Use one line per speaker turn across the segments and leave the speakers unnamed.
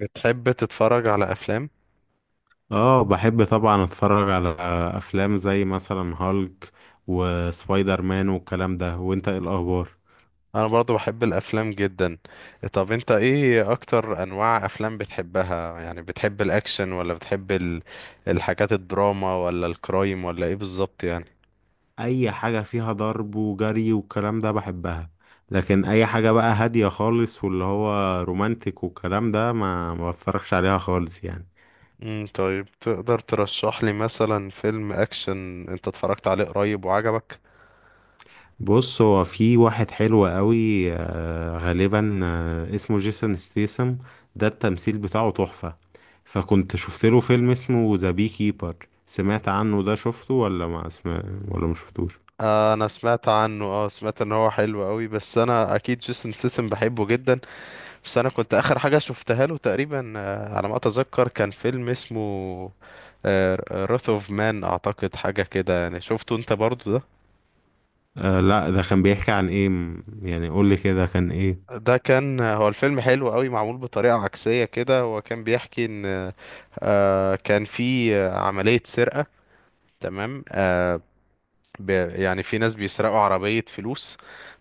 بتحب تتفرج على افلام؟
اه بحب طبعا اتفرج على افلام زي مثلا هالك وسبايدر مان والكلام ده. وانت ايه الاخبار؟
انا برضو بحب الافلام جدا. طب انت ايه اكتر انواع افلام بتحبها؟ يعني بتحب الاكشن ولا بتحب الحاجات الدراما ولا الكرايم ولا ايه بالظبط يعني؟
اي حاجة فيها ضرب وجري والكلام ده بحبها، لكن اي حاجة بقى هادية خالص واللي هو رومانتك والكلام ده ما بتفرجش عليها خالص يعني.
طيب تقدر ترشح لي مثلا فيلم اكشن انت اتفرجت عليه قريب وعجبك؟
بص، هو في واحد حلو قوي، غالبا، اسمه جيسون ستيسم. ده التمثيل بتاعه تحفة. فكنت شفت له فيلم اسمه ذا بي كيبر. سمعت عنه ده؟ شفته ولا ما اسمع، ولا ما شفتوش؟
انا سمعت عنه، اه سمعت ان هو حلو قوي، بس انا اكيد جيسون ستاثام بحبه جدا. بس انا كنت اخر حاجه شفتها له تقريبا، على ما اتذكر كان فيلم اسمه راث اوف مان، اعتقد حاجه كده يعني. شفته انت برضو ده؟
آه لا، ده كان بيحكي عن ايه، يعني قول لي كده كان ايه.
ده كان هو الفيلم حلو قوي، معمول بطريقه عكسيه كده. هو كان بيحكي ان كان في عمليه سرقه. تمام؟ ب- يعني في ناس بيسرقوا عربيه فلوس،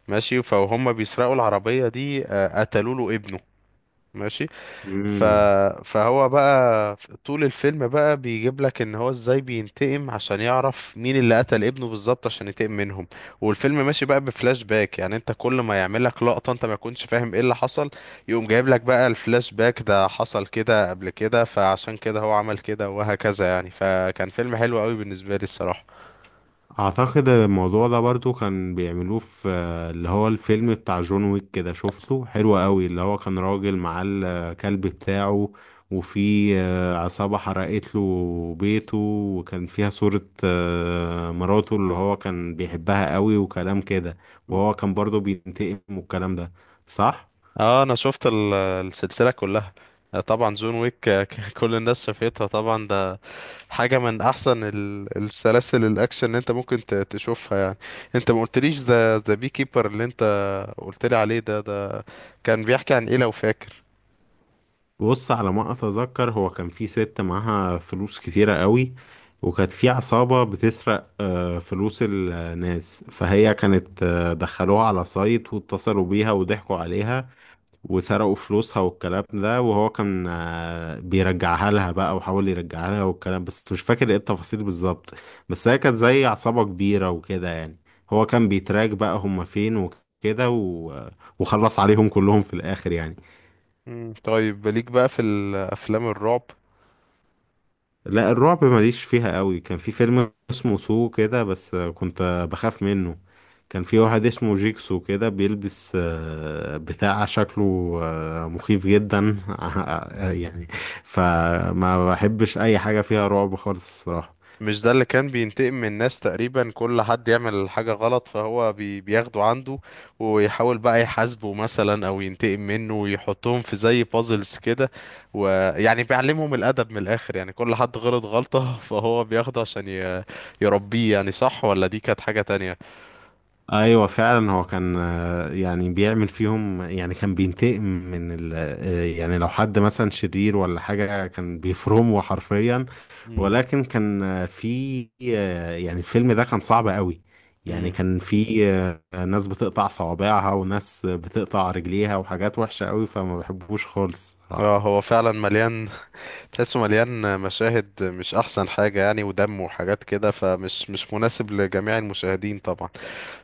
ماشي، فهم بيسرقوا العربيه دي، قتلوا له ابنه، ماشي. ف...
مم.
فهو بقى طول الفيلم بقى بيجيب لك ان هو ازاي بينتقم، عشان يعرف مين اللي قتل ابنه بالظبط عشان ينتقم منهم. والفيلم ماشي بقى بفلاش باك، يعني انت كل ما يعمل لك لقطة انت ما كنتش فاهم ايه اللي حصل، يقوم جايب لك بقى الفلاش باك ده حصل كده قبل كده، فعشان كده هو عمل كده وهكذا يعني. فكان فيلم حلو قوي بالنسبة لي الصراحة.
اعتقد الموضوع ده برضو كان بيعملوه في اللي هو الفيلم بتاع جون ويك، كده شفته؟ حلو قوي. اللي هو كان راجل معاه الكلب بتاعه، وفي عصابة حرقت له بيته، وكان فيها صورة مراته اللي هو كان بيحبها قوي وكلام كده، وهو كان برضو بينتقم والكلام ده. صح؟
اه انا شفت السلسلة كلها. طبعا جون ويك، كل الناس شافتها طبعا. ده حاجة من أحسن السلاسل الأكشن اللي أنت ممكن تشوفها يعني. أنت ما قلتليش ذا بي كيبر اللي أنت قلتلي عليه ده، ده كان بيحكي عن إيه لو فاكر؟
بص، على ما اتذكر هو كان في ست معاها فلوس كتيرة قوي، وكانت في عصابة بتسرق فلوس الناس، فهي كانت دخلوها على سايت، واتصلوا بيها وضحكوا عليها وسرقوا فلوسها والكلام ده، وهو كان بيرجعها لها بقى، وحاول يرجعها لها والكلام، بس مش فاكر ايه التفاصيل بالظبط. بس هي كانت زي عصابة كبيرة وكده يعني. هو كان بيتراك بقى هما فين، وكده وخلص عليهم كلهم في الآخر يعني.
مم. طيب ليك بقى في الأفلام الرعب؟
لا، الرعب ماليش فيها قوي. كان في فيلم اسمه سو كده بس كنت بخاف منه. كان في واحد اسمه جيكسو كده بيلبس بتاع شكله مخيف جدا، يعني. فما بحبش اي حاجة فيها رعب خالص الصراحة.
مش ده اللي كان بينتقم من الناس تقريبا؟ كل حد يعمل حاجة غلط فهو بياخده عنده ويحاول بقى يحاسبه مثلا او ينتقم منه، ويحطهم في زي بازلز كده. ويعني بيعلمهم الأدب من الآخر يعني، كل حد غلط غلطة فهو بياخده عشان يربيه يعني. صح، ولا دي كانت حاجة تانية؟
ايوه فعلا، هو كان يعني بيعمل فيهم، يعني كان بينتقم من ال يعني لو حد مثلا شرير ولا حاجه كان بيفرمه حرفيا.
امم.
ولكن كان في يعني الفيلم ده كان صعب قوي. يعني
امم.
كان في ناس بتقطع صوابعها وناس بتقطع رجليها وحاجات وحشه قوي، فما بحبوش خالص
اه
صراحه.
هو فعلا مليان، تحسه مليان مشاهد مش احسن حاجة يعني، ودم وحاجات كده، مش مناسب لجميع المشاهدين طبعا.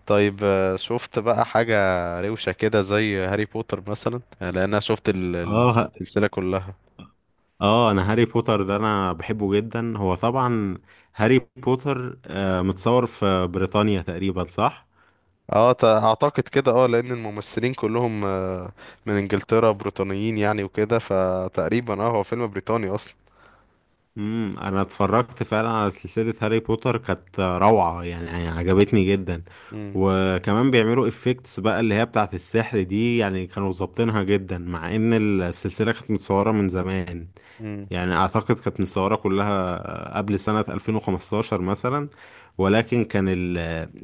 طيب شفت بقى حاجة روشة كده زي هاري بوتر مثلا؟ يعني لأن أنا شفت
اه،
السلسلة كلها.
اه انا هاري بوتر ده انا بحبه جدا هو طبعا. هاري بوتر متصور في بريطانيا تقريبا، صح؟
اه، اعتقد كده، اه لان الممثلين كلهم، من انجلترا بريطانيين يعني وكده، فتقريبا اه هو فيلم بريطاني اصلا.
امم، انا اتفرجت فعلا على سلسلة هاري بوتر، كانت روعة يعني، يعني عجبتني جدا.
امم.
وكمان بيعملوا افكتس بقى اللي هي بتاعت السحر دي، يعني كانوا ظابطينها جدا، مع ان السلسلة كانت متصورة من زمان.
امم.
يعني اعتقد كانت متصورة كلها قبل سنة 2015 مثلا. ولكن كان ال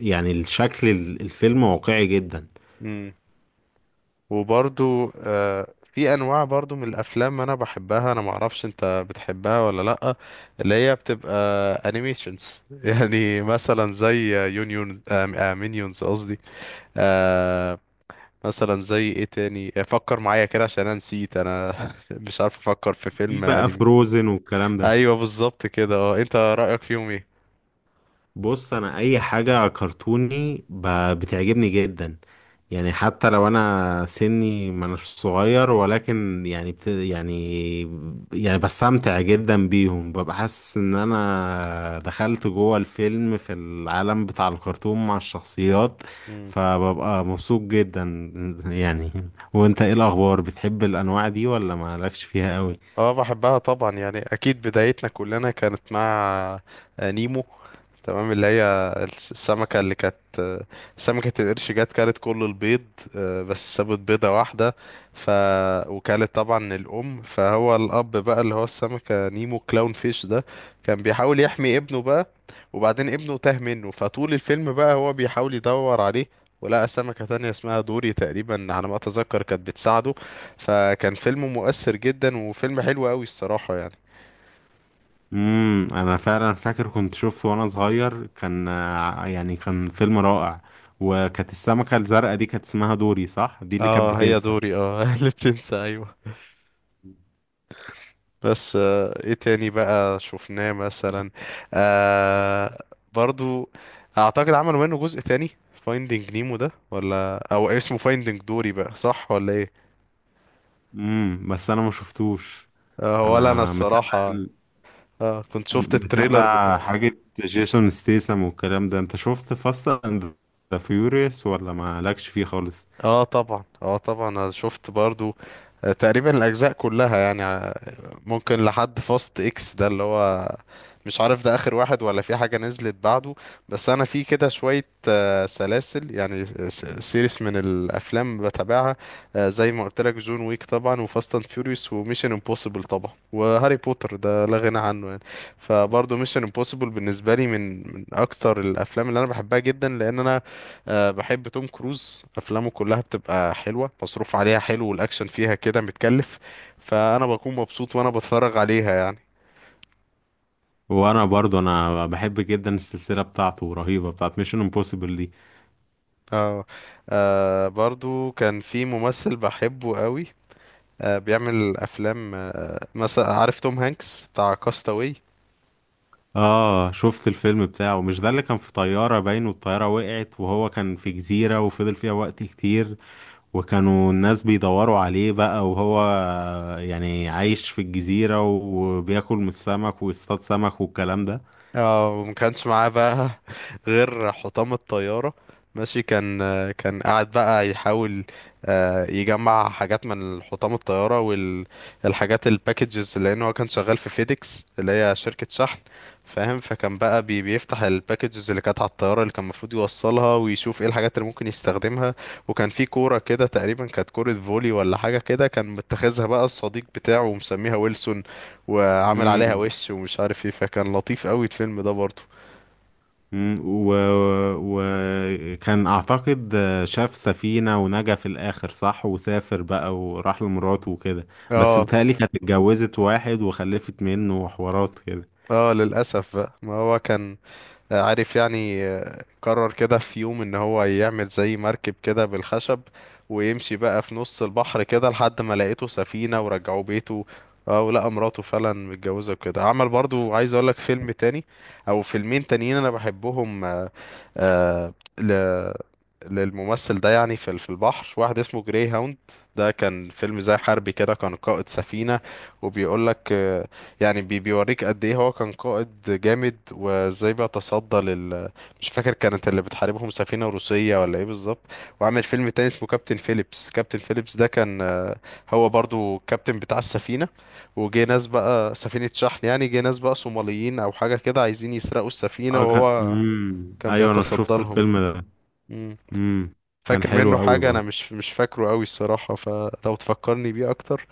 يعني الشكل الفيلم واقعي جدا.
امم. وبرضو آه في انواع برضو من الافلام انا بحبها، انا معرفش انت بتحبها ولا لا، اللي هي بتبقى انيميشنز يعني. مثلا زي يونيون آه، مينيونز قصدي. آه، مثلا زي ايه تاني؟ فكر معايا كده عشان انا نسيت انا مش عارف افكر في
في
فيلم
بقى
انمي.
فروزن والكلام ده.
ايوه بالظبط كده. اه انت رأيك فيهم ايه؟
بص انا اي حاجه كرتوني بتعجبني جدا. يعني حتى لو انا سني ما أناش صغير، ولكن يعني بت يعني، يعني بستمتع جدا بيهم، ببقى حاسس ان انا دخلت جوه الفيلم في العالم بتاع الكرتون مع الشخصيات،
مم.
فببقى مبسوط جدا يعني. وانت ايه الاخبار، بتحب الانواع دي ولا مالكش فيها قوي؟
اه بحبها طبعا يعني، اكيد بدايتنا كلنا كانت مع نيمو. تمام؟ اللي هي السمكة اللي كانت، سمكة القرش جت كلت كل البيض، بس سابت بيضة واحدة، ف وكلت طبعا الأم. فهو الأب بقى اللي هو السمكة نيمو كلاون فيش ده، كان بيحاول يحمي ابنه بقى، وبعدين ابنه تاه منه، فطول الفيلم بقى هو بيحاول يدور عليه، ولقى سمكة تانية اسمها دوري تقريبا على ما أتذكر كانت بتساعده. فكان فيلم مؤثر جدا وفيلم حلو قوي الصراحة يعني.
امم، انا فعلا فاكر كنت شفته وانا صغير، كان يعني كان فيلم رائع. وكانت السمكة الزرقاء دي كانت اسمها دوري، صح؟ دي اللي كانت
اه هي
بتنسى.
دوري، اه اللي بتنسى، ايوه. بس ايه تاني بقى شفناه مثلا؟ آه، برضو اعتقد عملوا منه جزء تاني، فايندينج نيمو ده، ولا او اسمه فايندينج دوري بقى، صح ولا ايه؟
امم، بس انا ما شفتوش.
آه، ولا انا
انا متابع
الصراحة. آه كنت شفت التريلر.
متابع حاجة جيسون ستيسم والكلام ده. انت شفت فاست اند ذا فيوريوس ولا ما لكش فيه خالص؟
اه طبعا، اه طبعا انا شفت برضو تقريبا الاجزاء كلها يعني، ممكن لحد فاست اكس ده، اللي هو مش عارف ده اخر واحد ولا في حاجة نزلت بعده. بس انا في كده شوية سلاسل يعني، آه سيريس من الافلام بتابعها، زي ما قلت لك جون ويك طبعا، وفاست اند فيوريوس، وميشن امبوسيبل طبعا، وهاري بوتر ده لا غنى عنه يعني. فبرضه ميشن امبوسيبل بالنسبة لي من اكتر الافلام اللي انا بحبها جدا، لان انا أه بحب توم كروز، افلامه كلها بتبقى حلوه، مصروف عليها حلو، والاكشن فيها كده متكلف، فانا بكون مبسوط وانا بتفرج عليها يعني.
وانا برضو انا بحب جدا السلسلة بتاعته، رهيبة بتاعت ميشن امبوسيبل دي.
اه. برضو كان في ممثل بحبه قوي، أه بيعمل افلام، مثلا عارف توم هانكس بتاع كاستاوي؟
اه شفت الفيلم بتاعه. مش ده اللي كان في طيارة باين والطيارة وقعت، وهو كان في جزيرة وفضل فيها وقت كتير، وكانوا الناس بيدوروا عليه بقى، وهو يعني عايش في الجزيرة وبياكل من السمك ويصطاد سمك والكلام ده.
اه وما كانش معاه بقى غير حطام الطيارة، ماشي. كان كان قاعد بقى يحاول يجمع حاجات من حطام الطيارة، والحاجات الباكجز، لأن هو كان شغال في فيديكس اللي هي شركة شحن، فاهم؟ فكان بقى بيفتح الباكجز اللي كانت على الطيارة اللي كان المفروض يوصلها، ويشوف ايه الحاجات اللي ممكن يستخدمها. وكان في كورة كده تقريبا، كانت كورة فولي ولا حاجة كده، كان متخذها بقى الصديق بتاعه ومسميها ويلسون، وعمل عليها
امم.
وش ومش عارف ايه. فكان لطيف قوي الفيلم ده برضه.
أمم، و... وكان اعتقد شاف سفينة ونجا في الاخر، صح؟ وسافر بقى وراح لمراته وكده. بس
اه.
بتهيألي كانت اتجوزت واحد وخلفت منه وحوارات كده.
اه للأسف بقى، ما هو كان عارف يعني، قرر كده في يوم ان هو يعمل زي مركب كده بالخشب، ويمشي بقى في نص البحر كده لحد ما لقيته سفينة ورجعوا بيته. اه ولقى مراته فعلا متجوزة وكده. عمل برضو، عايز اقولك فيلم تاني او فيلمين تانيين انا بحبهم آه ل... للممثل ده يعني، في في البحر واحد اسمه جراي هاوند، ده كان فيلم زي حربي كده، كان قائد سفينة، وبيقول لك يعني بيوريك قد ايه هو كان قائد جامد، وازاي بيتصدى لل، مش فاكر كانت اللي بتحاربهم سفينة روسية ولا ايه بالظبط. وعمل فيلم تاني اسمه كابتن فيليبس. كابتن فيليبس ده كان هو برضو كابتن بتاع السفينة، وجه ناس بقى، سفينة شحن يعني، جه ناس بقى صوماليين او حاجة كده عايزين يسرقوا السفينة
اه كان،
وهو
امم،
كان
ايوه انا
بيتصدى
شفت
لهم.
الفيلم ده.
مم.
امم، كان
فاكر منه
حلو قوي
حاجة؟ أنا
برضه.
مش فاكره أوي الصراحة، فلو تفكرني بيه أكتر.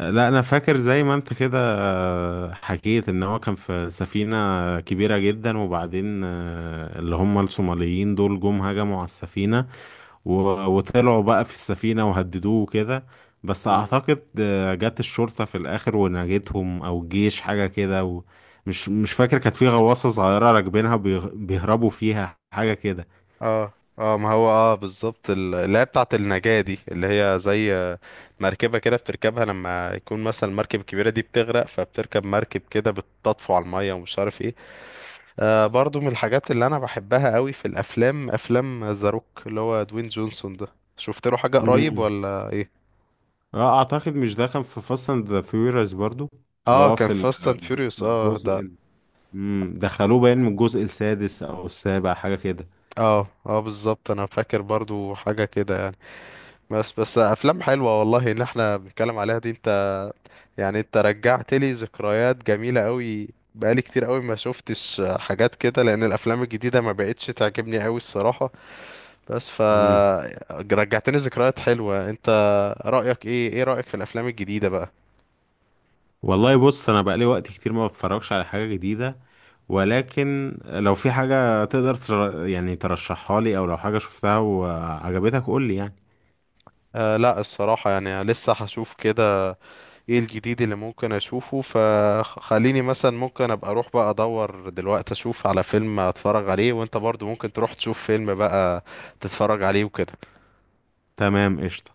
لا، انا فاكر زي ما انت كده حكيت ان هو كان في سفينة كبيرة جدا، وبعدين اللي هم الصوماليين دول جم هجموا على السفينة، وطلعوا بقى في السفينة وهددوه كده. بس
مم.
اعتقد جت الشرطة في الاخر ونجتهم او الجيش حاجة كده مش فاكر كانت في غواصة صغيرة راكبينها بيهربوا فيها حاجة كده.
اه، اه ما هو اه بالظبط اللي هي بتاعة النجاة دي، اللي هي زي مركبة كده بتركبها لما يكون مثلا المركب الكبيرة دي بتغرق، فبتركب مركب كده بتطفو على المية ومش عارف ايه. آه برضو من الحاجات اللي أنا بحبها أوي في الأفلام، أفلام ذا روك اللي هو دوين جونسون ده. شفت له حاجة قريب
مم.
ولا ايه؟
اه اعتقد مش دخل في فاست اند ذا فيوريوس برضو. اللي
اه
هو
كان
في
فاست اند فيوريوس اه
الجزء
ده.
ال-، مم، دخلوه باين من الجزء السادس او السابع حاجه كده.
اه اه بالظبط، أنا فاكر برضو حاجة كده يعني. بس بس افلام حلوه والله اللي احنا بنتكلم عليها دي، انت يعني انت رجعت لي ذكريات جميله قوي، بقالي كتير قوي ما شفتش حاجات كده، لان الافلام الجديده ما بقتش تعجبني قوي الصراحه. بس
مم.
رجعتني ذكريات حلوه انت. رايك ايه، ايه رايك في الافلام الجديده بقى؟
والله بص انا بقالي وقت كتير ما بتفرجش على حاجه جديده. ولكن لو في حاجه تقدر يعني ترشحها لي، او لو حاجه شفتها وعجبتك قول لي يعني.
آه لا الصراحه يعني لسه هشوف كده ايه الجديد اللي ممكن اشوفه، فخليني مثلا ممكن ابقى اروح بقى ادور دلوقتي اشوف على فيلم اتفرج عليه، وانت برضو ممكن تروح تشوف فيلم بقى تتفرج عليه وكده.
تمام، قشطه.